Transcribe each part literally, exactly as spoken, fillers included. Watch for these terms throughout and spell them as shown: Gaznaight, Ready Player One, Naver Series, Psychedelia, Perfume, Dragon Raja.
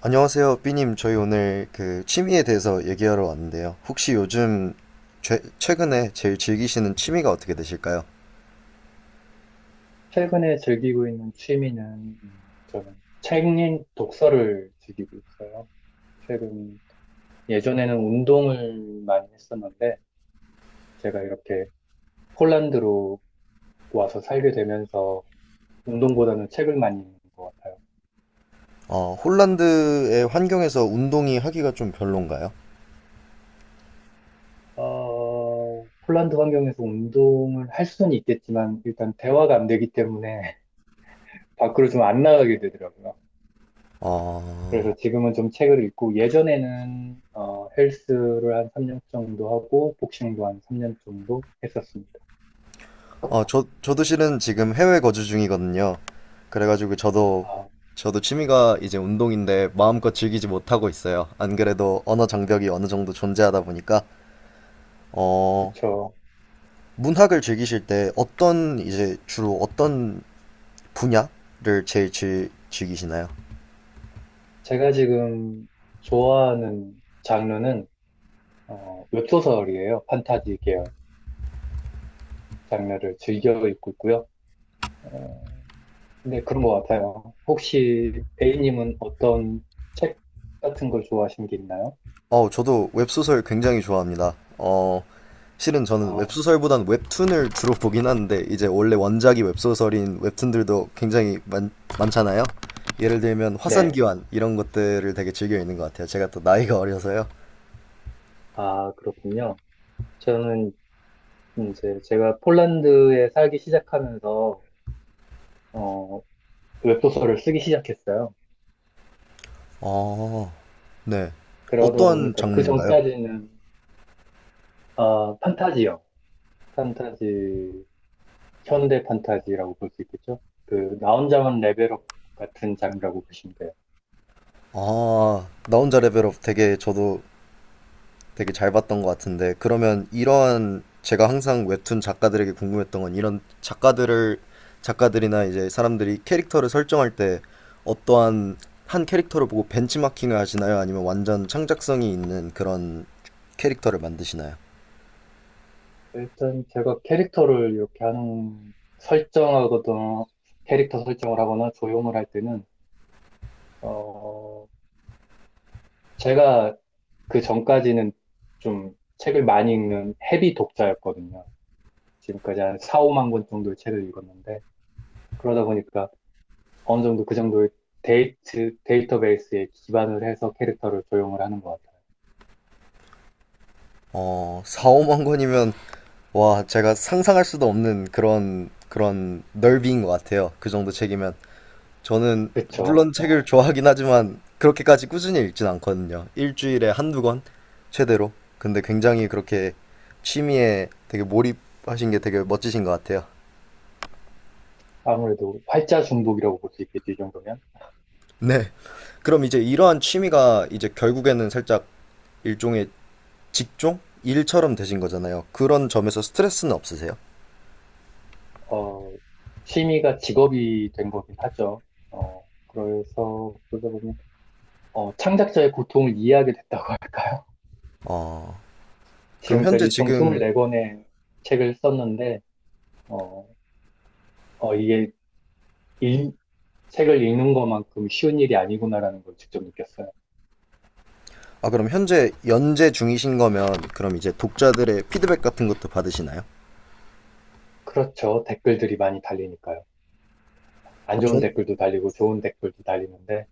안녕하세요, 삐님. 저희 오늘 그 취미에 대해서 얘기하러 왔는데요. 혹시 요즘 죄- 최근에 제일 즐기시는 취미가 어떻게 되실까요? 최근에 즐기고 있는 취미는 음, 저는 책 읽 독서를 즐기고 있어요. 최근 예전에는 운동을 많이 했었는데 제가 이렇게 폴란드로 와서 살게 되면서 운동보다는 책을 많이 읽는 것 같아요. 어, 홀란드의 환경에서 운동이 하기가 좀 별론가요? 어, 폴란드 환경에서 운동을 할 수는 있겠지만 일단 대화가 안 되기 때문에 밖으로 좀 안 나가게 되더라고요. 어, 그래서 지금은 좀 책을 읽고 예전에는 어, 헬스를 한 삼 년 정도 하고 복싱도 한 삼 년 정도 했었습니다. 어, 저, 저도 실은 지금 해외 거주 중이거든요. 그래가지고 저도, 아, 저도 취미가 이제 운동인데 마음껏 즐기지 못하고 있어요. 안 그래도 언어 장벽이 어느 정도 존재하다 보니까, 어, 그쵸. 문학을 즐기실 때 어떤, 이제 주로 어떤 분야를 제일 즐, 즐기시나요? 제가 지금 좋아하는 장르는 어, 웹소설이에요. 판타지 계열 장르를 즐겨 읽고 있고요. 어, 근데 그런 것 같아요. 혹시 A님은 어떤 책 같은 걸 좋아하시는 게 있나요? 어, 저도 웹소설 굉장히 좋아합니다. 어, 실은 저는 아, 웹소설보단 웹툰을 주로 보긴 하는데, 이제 원래 원작이 웹소설인 웹툰들도 굉장히 많, 많잖아요. 예를 들면 네. 화산기환 이런 것들을 되게 즐겨 읽는 것 같아요. 제가 또 나이가 어려서요. 아, 그렇군요. 저는 이제 제가 폴란드에 살기 시작하면서 어, 웹소설을 쓰기 시작했어요. 어, 네. 그러다 어떤 보니까 그 장르인가요? 전까지는 아, 판타지요. 판타지, 현대 판타지라고 볼 수 있겠죠? 그, 나 혼자만 레벨업 같은 장르라고 보시면 돼요. 아, 나 혼자 레벨업 되게 저도 되게 잘 봤던 것 같은데 그러면 이런 제가 항상 웹툰 작가들에게 궁금했던 건 이런 작가들을 작가들이나 이제 사람들이 캐릭터를 설정할 때 어떠한 한 캐릭터를 보고 벤치마킹을 하시나요? 아니면 완전 창작성이 있는 그런 캐릭터를 만드시나요? 일단 제가 캐릭터를 이렇게 하는, 설정하거나, 캐릭터 설정을 하거나 조용을 할 때는, 어, 제가 그 전까지는 좀 책을 많이 읽는 헤비 독자였거든요. 지금까지 한 사, 오만 권 정도의 책을 읽었는데, 그러다 보니까 어느 정도 그 정도의 데이트, 데이터베이스에 기반을 해서 캐릭터를 조형을 하는 것 같아요. 어, 사, 오만 권이면 와, 제가 상상할 수도 없는 그런 그런 넓이인 것 같아요. 그 정도 책이면 저는 그쵸. 물론 책을 좋아하긴 하지만 그렇게까지 꾸준히 읽진 않거든요. 일주일에 한두 권 최대로. 근데 굉장히 그렇게 취미에 되게 몰입하신 게 되게 멋지신 것 같아요. 아무래도 활자 중독이라고 볼 수 있겠죠, 이 정도면. 네. 그럼 이제 이러한 취미가 이제 결국에는 살짝 일종의 직종? 일처럼 되신 거잖아요. 그런 점에서 스트레스는 없으세요? 어, 취미가 직업이 된 거긴 하죠. 어, 그래서 그러다 보면, 어, 창작자의 고통을 이해하게 됐다고 할까요? 어, 그럼 현재 지금까지 총 지금, 이십사 권의 책을 썼는데, 어, 어, 이게 일- 책을 읽는 것만큼 쉬운 일이 아니구나라는 걸 직접 느꼈어요. 아, 그럼 현재 연재 중이신 거면, 그럼 이제 독자들의 피드백 같은 것도 받으시나요? 그렇죠. 댓글들이 많이 달리니까요. 안 좋은 댓글도 달리고 좋은 댓글도 달리는데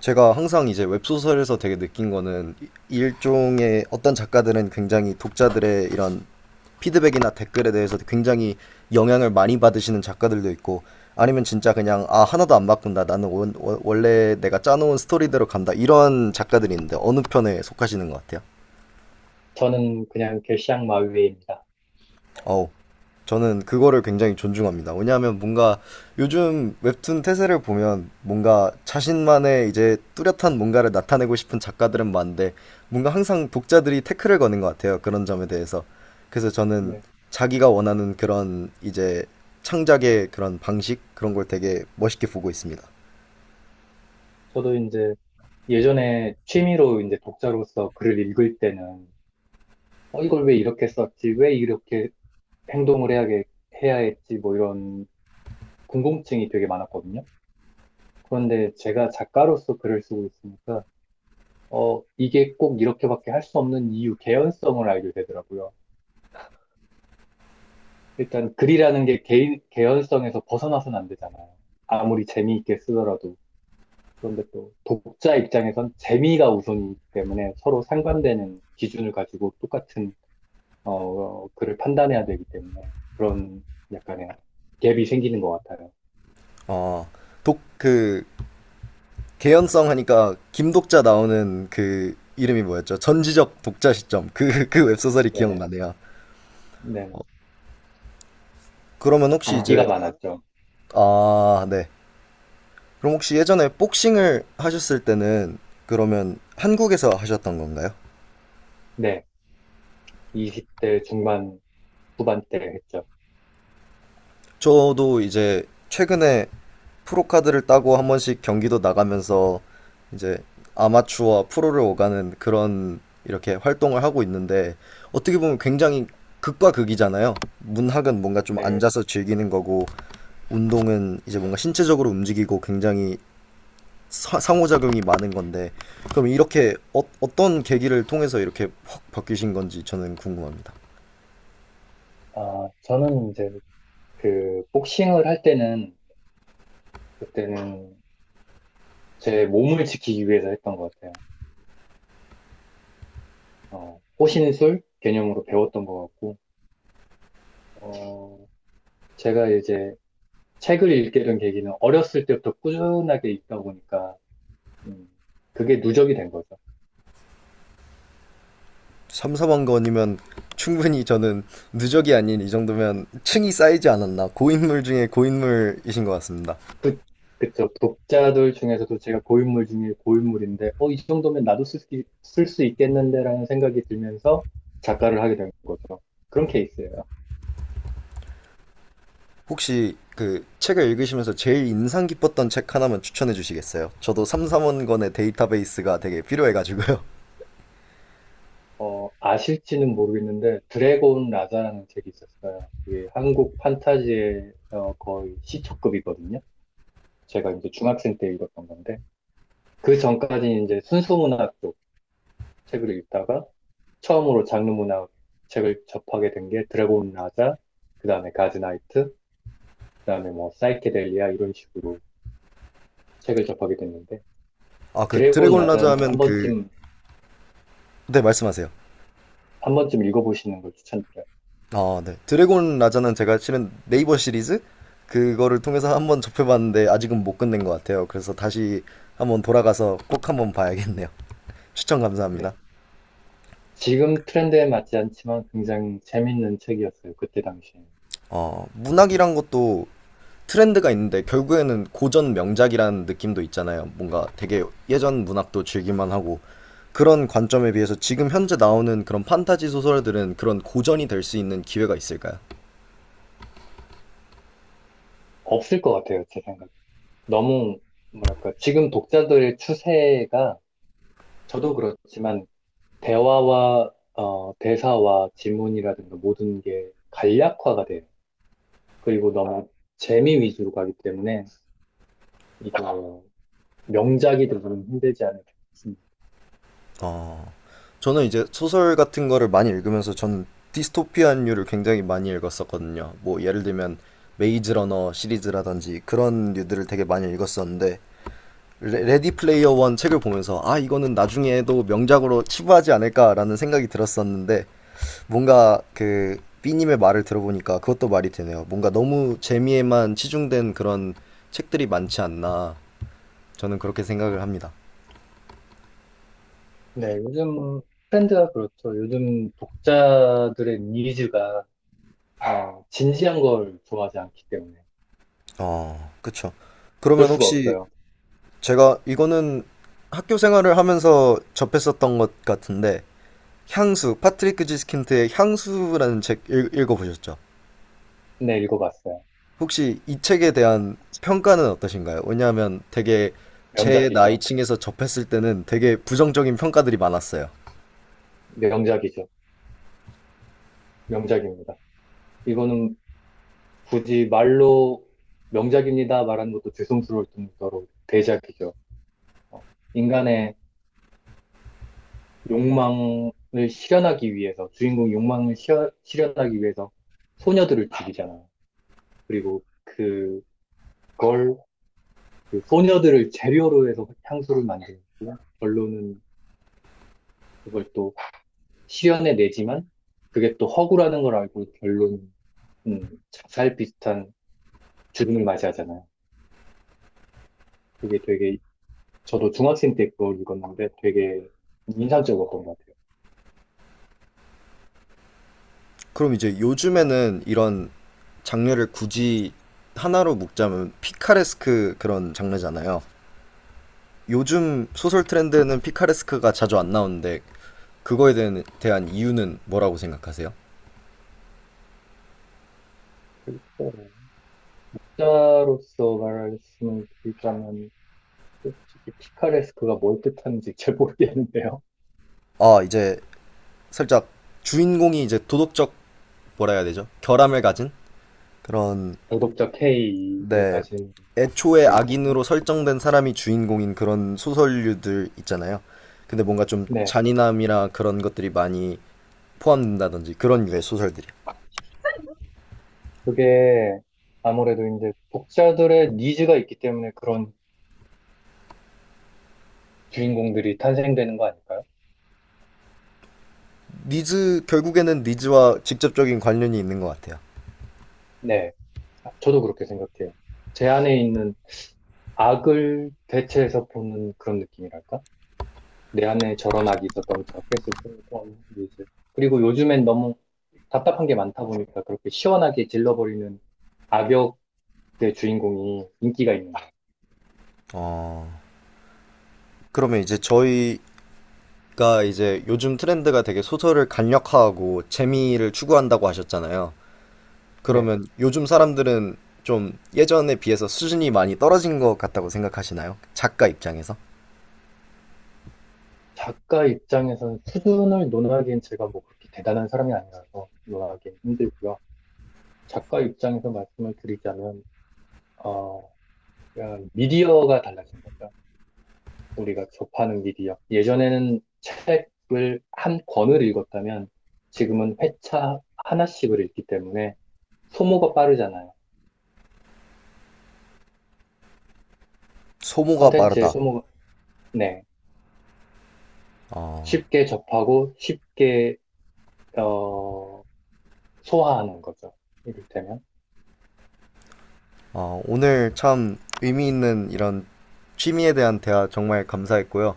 제가 항상 이제 웹소설에서 되게 느낀 거는 일종의 어떤 작가들은 굉장히 독자들의 이런 피드백이나 댓글에 대해서 굉장히 영향을 많이 받으시는 작가들도 있고 아니면 진짜 그냥 아 하나도 안 바꾼다 나는 원, 원- 원래 내가 짜놓은 스토리대로 간다 이런 작가들이 있는데 어느 편에 속하시는 것 같아요? 저는 그냥 결시양마위입니다. 어우, 저는 그거를 굉장히 존중합니다. 왜냐하면 뭔가 요즘 웹툰 태세를 보면 뭔가 자신만의 이제 뚜렷한 뭔가를 나타내고 싶은 작가들은 많은데 뭔가 항상 독자들이 태클을 거는 것 같아요. 그런 점에 대해서. 그래서 저는 네. 자기가 원하는 그런 이제 창작의 그런 방식 그런 걸 되게 멋있게 보고 있습니다. 저도 이제 예전에 취미로 이제 독자로서 글을 읽을 때는 어, 이걸 왜 이렇게 썼지? 왜 이렇게 행동을 해야, 해야 했지? 뭐 이런 궁금증이 되게 많았거든요. 그런데 제가 작가로서 글을 쓰고 있으니까 어, 이게 꼭 이렇게밖에 할 수 없는 이유, 개연성을 알게 되더라고요. 일단 글이라는 게 개인, 개연성에서 벗어나서는 안 되잖아요. 아무리 재미있게 쓰더라도. 그런데 또 독자 입장에선 재미가 우선이기 때문에 서로 상반되는 기준을 가지고 똑같은 어, 글을 판단해야 되기 때문에 그런 약간의 갭이 생기는 것 같아요. 어, 독, 그, 개연성 하니까 김독자 나오는 그 이름이 뭐였죠? 전지적 독자 시점. 그, 그 웹소설이 네네. 기억나네요. 네네. 그러면 혹시 인기가 이제 많았죠. 아, 네. 그럼 혹시 예전에 복싱을 하셨을 때는 그러면 한국에서 하셨던 건가요? 네. 이십 대 중반, 후반때 했죠. 저도 이제 최근에 프로카드를 따고 한 번씩 경기도 나가면서 이제 아마추어와 프로를 오가는 그런 이렇게 활동을 하고 있는데 어떻게 보면 굉장히 극과 극이잖아요. 문학은 뭔가 좀 네. 앉아서 즐기는 거고 운동은 이제 뭔가 신체적으로 움직이고 굉장히 사- 상호작용이 많은 건데 그럼 이렇게 어, 어떤 계기를 통해서 이렇게 확 바뀌신 건지 저는 궁금합니다. 아, 저는 이제 그 복싱을 할 때는 그때는 제 몸을 지키기 위해서 했던 것 같아요. 어, 호신술 개념으로 배웠던 것 같고, 어, 제가 이제 책을 읽게 된 계기는 어렸을 때부터 꾸준하게 읽다 보니까, 음, 그게 누적이 된 거죠. 삼사번 건이면 충분히 저는 누적이 아닌 이 정도면 층이 쌓이지 않았나 고인물 중에 고인물이신 것 같습니다. 그, 그쵸. 독자들 중에서도 제가 고인물 중에 고인물인데, 어, 이 정도면 나도 쓸, 수 있- 쓸수 있겠는데라는 생각이 들면서 작가를 하게 된 거죠. 그런 케이스예요. 혹시 그 책을 읽으시면서 제일 인상 깊었던 책 하나만 추천해 주시겠어요? 저도 삼사번 건의 데이터베이스가 되게 필요해가지고요. 어, 아실지는 모르겠는데, 드래곤 라자라는 책이 있었어요. 그게 한국 판타지의 어, 거의 시초급이거든요. 제가 이제 중학생 때 읽었던 건데, 그 전까지 이제 순수문학 쪽 책을 읽다가, 처음으로 장르 문학 책을 접하게 된 게 드래곤 라자, 그 다음에 가즈나이트, 그 다음에 뭐 사이케델리아 이런 식으로 책을 접하게 됐는데 아, 그 드래곤 드래곤 라자 라자는 한 하면 그... 번쯤 네, 말씀하세요. 한 번쯤 읽어보시는 걸 추천드려요. 아, 네. 드래곤 라자는 제가 실은 네이버 시리즈 그거를 통해서 한번 접해봤는데 아직은 못 끝낸 것 같아요. 그래서 다시 한번 돌아가서 꼭 한번 봐야겠네요. 추천 네. 감사합니다. 지금 트렌드에 맞지 않지만 굉장히 재밌는 책이었어요. 그때 당시에. 어, 문학이란 것도 트렌드가 있는데 결국에는 고전 명작이라는 느낌도 있잖아요. 뭔가 되게 예전 문학도 즐길만 하고 그런 관점에 비해서 지금 현재 나오는 그런 판타지 소설들은 그런 고전이 될 수 있는 기회가 있을까요? 없을 것 같아요, 제 생각에. 너무 뭐랄까 지금 독자들의 추세가 저도 그렇지만 대화와 어, 대사와 지문이라든가 모든 게 간략화가 돼요. 그리고 너무 재미 위주로 가기 때문에 이거 명작이 되기는 힘들지 않을까 싶습니다. 어, 저는 이제 소설 같은 거를 많이 읽으면서 전 디스토피아류를 굉장히 많이 읽었었거든요. 뭐 예를 들면 메이즈 러너 시리즈라든지 그런 류들을 되게 많이 읽었었는데 레, 레디 플레이어 원 책을 보면서 아 이거는 나중에도 명작으로 치부하지 않을까라는 생각이 들었었는데 뭔가 그 B님의 말을 들어보니까 그것도 말이 되네요. 뭔가 너무 재미에만 치중된 그런 책들이 많지 않나 저는 그렇게 생각을 합니다. 네, 요즘 트렌드가 그렇죠. 요즘 독자들의 니즈가 아, 진지한 걸 좋아하지 않기 때문에 어, 그쵸. 어쩔 그러면 수가 혹시 없어요. 제가 이거는 학교 생활을 하면서 접했었던 것 같은데 향수, 파트리크 지스킨트의 향수라는 책 읽, 읽어보셨죠? 네, 읽어봤어요. 혹시 이 책에 대한 평가는 어떠신가요? 왜냐하면 되게 제 명작이죠. 나이층에서 접했을 때는 되게 부정적인 평가들이 많았어요. 명작이죠. 명작입니다. 이거는 굳이 말로 명작입니다 말하는 것도 죄송스러울 정도로 대작이죠. 어, 인간의 욕망을 실현하기 위해서, 주인공 욕망을 시 실현하기 위해서 소녀들을 죽이잖아. 그리고 그걸, 그 소녀들을 재료로 해서 향수를 만들고, 결론은 그걸 또 실현해 내지만, 그게 또 허구라는 걸 알고 결론, 음, 자살 비슷한 죽음을 맞이하잖아요. 그게 되게, 저도 중학생 때 그걸 읽었는데 되게 인상적이었던 것 같아요. 그럼 이제 요즘에는 이런 장르를 굳이 하나로 묶자면 피카레스크 그런 장르잖아요. 요즘 소설 트렌드는 피카레스크가 자주 안 나오는데 그거에 대한, 대한 이유는 뭐라고 생각하세요? 어, 작자로서 말씀을 드리자면, 솔직히 피카레스크가 뭘 뜻하는지 잘 모르겠는데요. 아 이제 살짝 주인공이 이제 도덕적 뭐라 해야 되죠? 결함을 가진 그런 도덕적 K를 네 가진 애초에 주인공이요. 악인으로 설정된 사람이 주인공인 그런 소설류들 있잖아요. 근데 뭔가 좀 네, 잔인함이나 그런 것들이 많이 포함된다든지 그런 유의 소설들이요. 그게 아무래도 이제 독자들의 니즈가 있기 때문에 그런 주인공들이 탄생되는 거 아닐까요? 니즈 결국에는 니즈와 직접적인 관련이 있는 것 같아요. 네, 저도 그렇게 생각해요. 제 안에 있는 악을 대체해서 보는 그런 느낌이랄까? 내 안에 저런 악이 있었다면 저렇게 했을 거고, 이제. 그리고 요즘엔 너무 답답한 게 많다 보니까 그렇게 시원하게 질러버리는 악역 내 주인공이 인기가 있는 거예요. 어, 그러면 이제 저희 그러니까 이제 요즘 트렌드가 되게 소설을 간략화하고 재미를 추구한다고 하셨잖아요. 네. 그러면 요즘 사람들은 좀 예전에 비해서 수준이 많이 떨어진 것 같다고 생각하시나요? 작가 입장에서? 작가 입장에서는 수준을 논하기엔 제가 뭐 그렇게 대단한 사람이 아니라서 논하기엔 힘들고요. 작가 입장에서 말씀을 드리자면, 어, 그냥 미디어가 달라진 거죠. 우리가 접하는 미디어. 예전에는 책을 한 권을 읽었다면 지금은 회차 하나씩을 읽기 때문에 소모가 빠르잖아요. 소모가 컨텐츠의 빠르다. 소모가, 네. 어, 쉽게 접하고 쉽게, 어, 소화하는 거죠. 이를테면. 어, 오늘 참 의미 있는 이런 취미에 대한 대화 정말 감사했고요.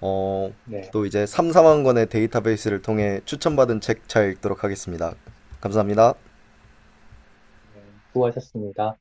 어, 네, 또 이제 삼삼만 권의 데이터베이스를 통해 추천받은 책 잘 읽도록 하겠습니다. 감사합니다. 네, 수고하셨습니다.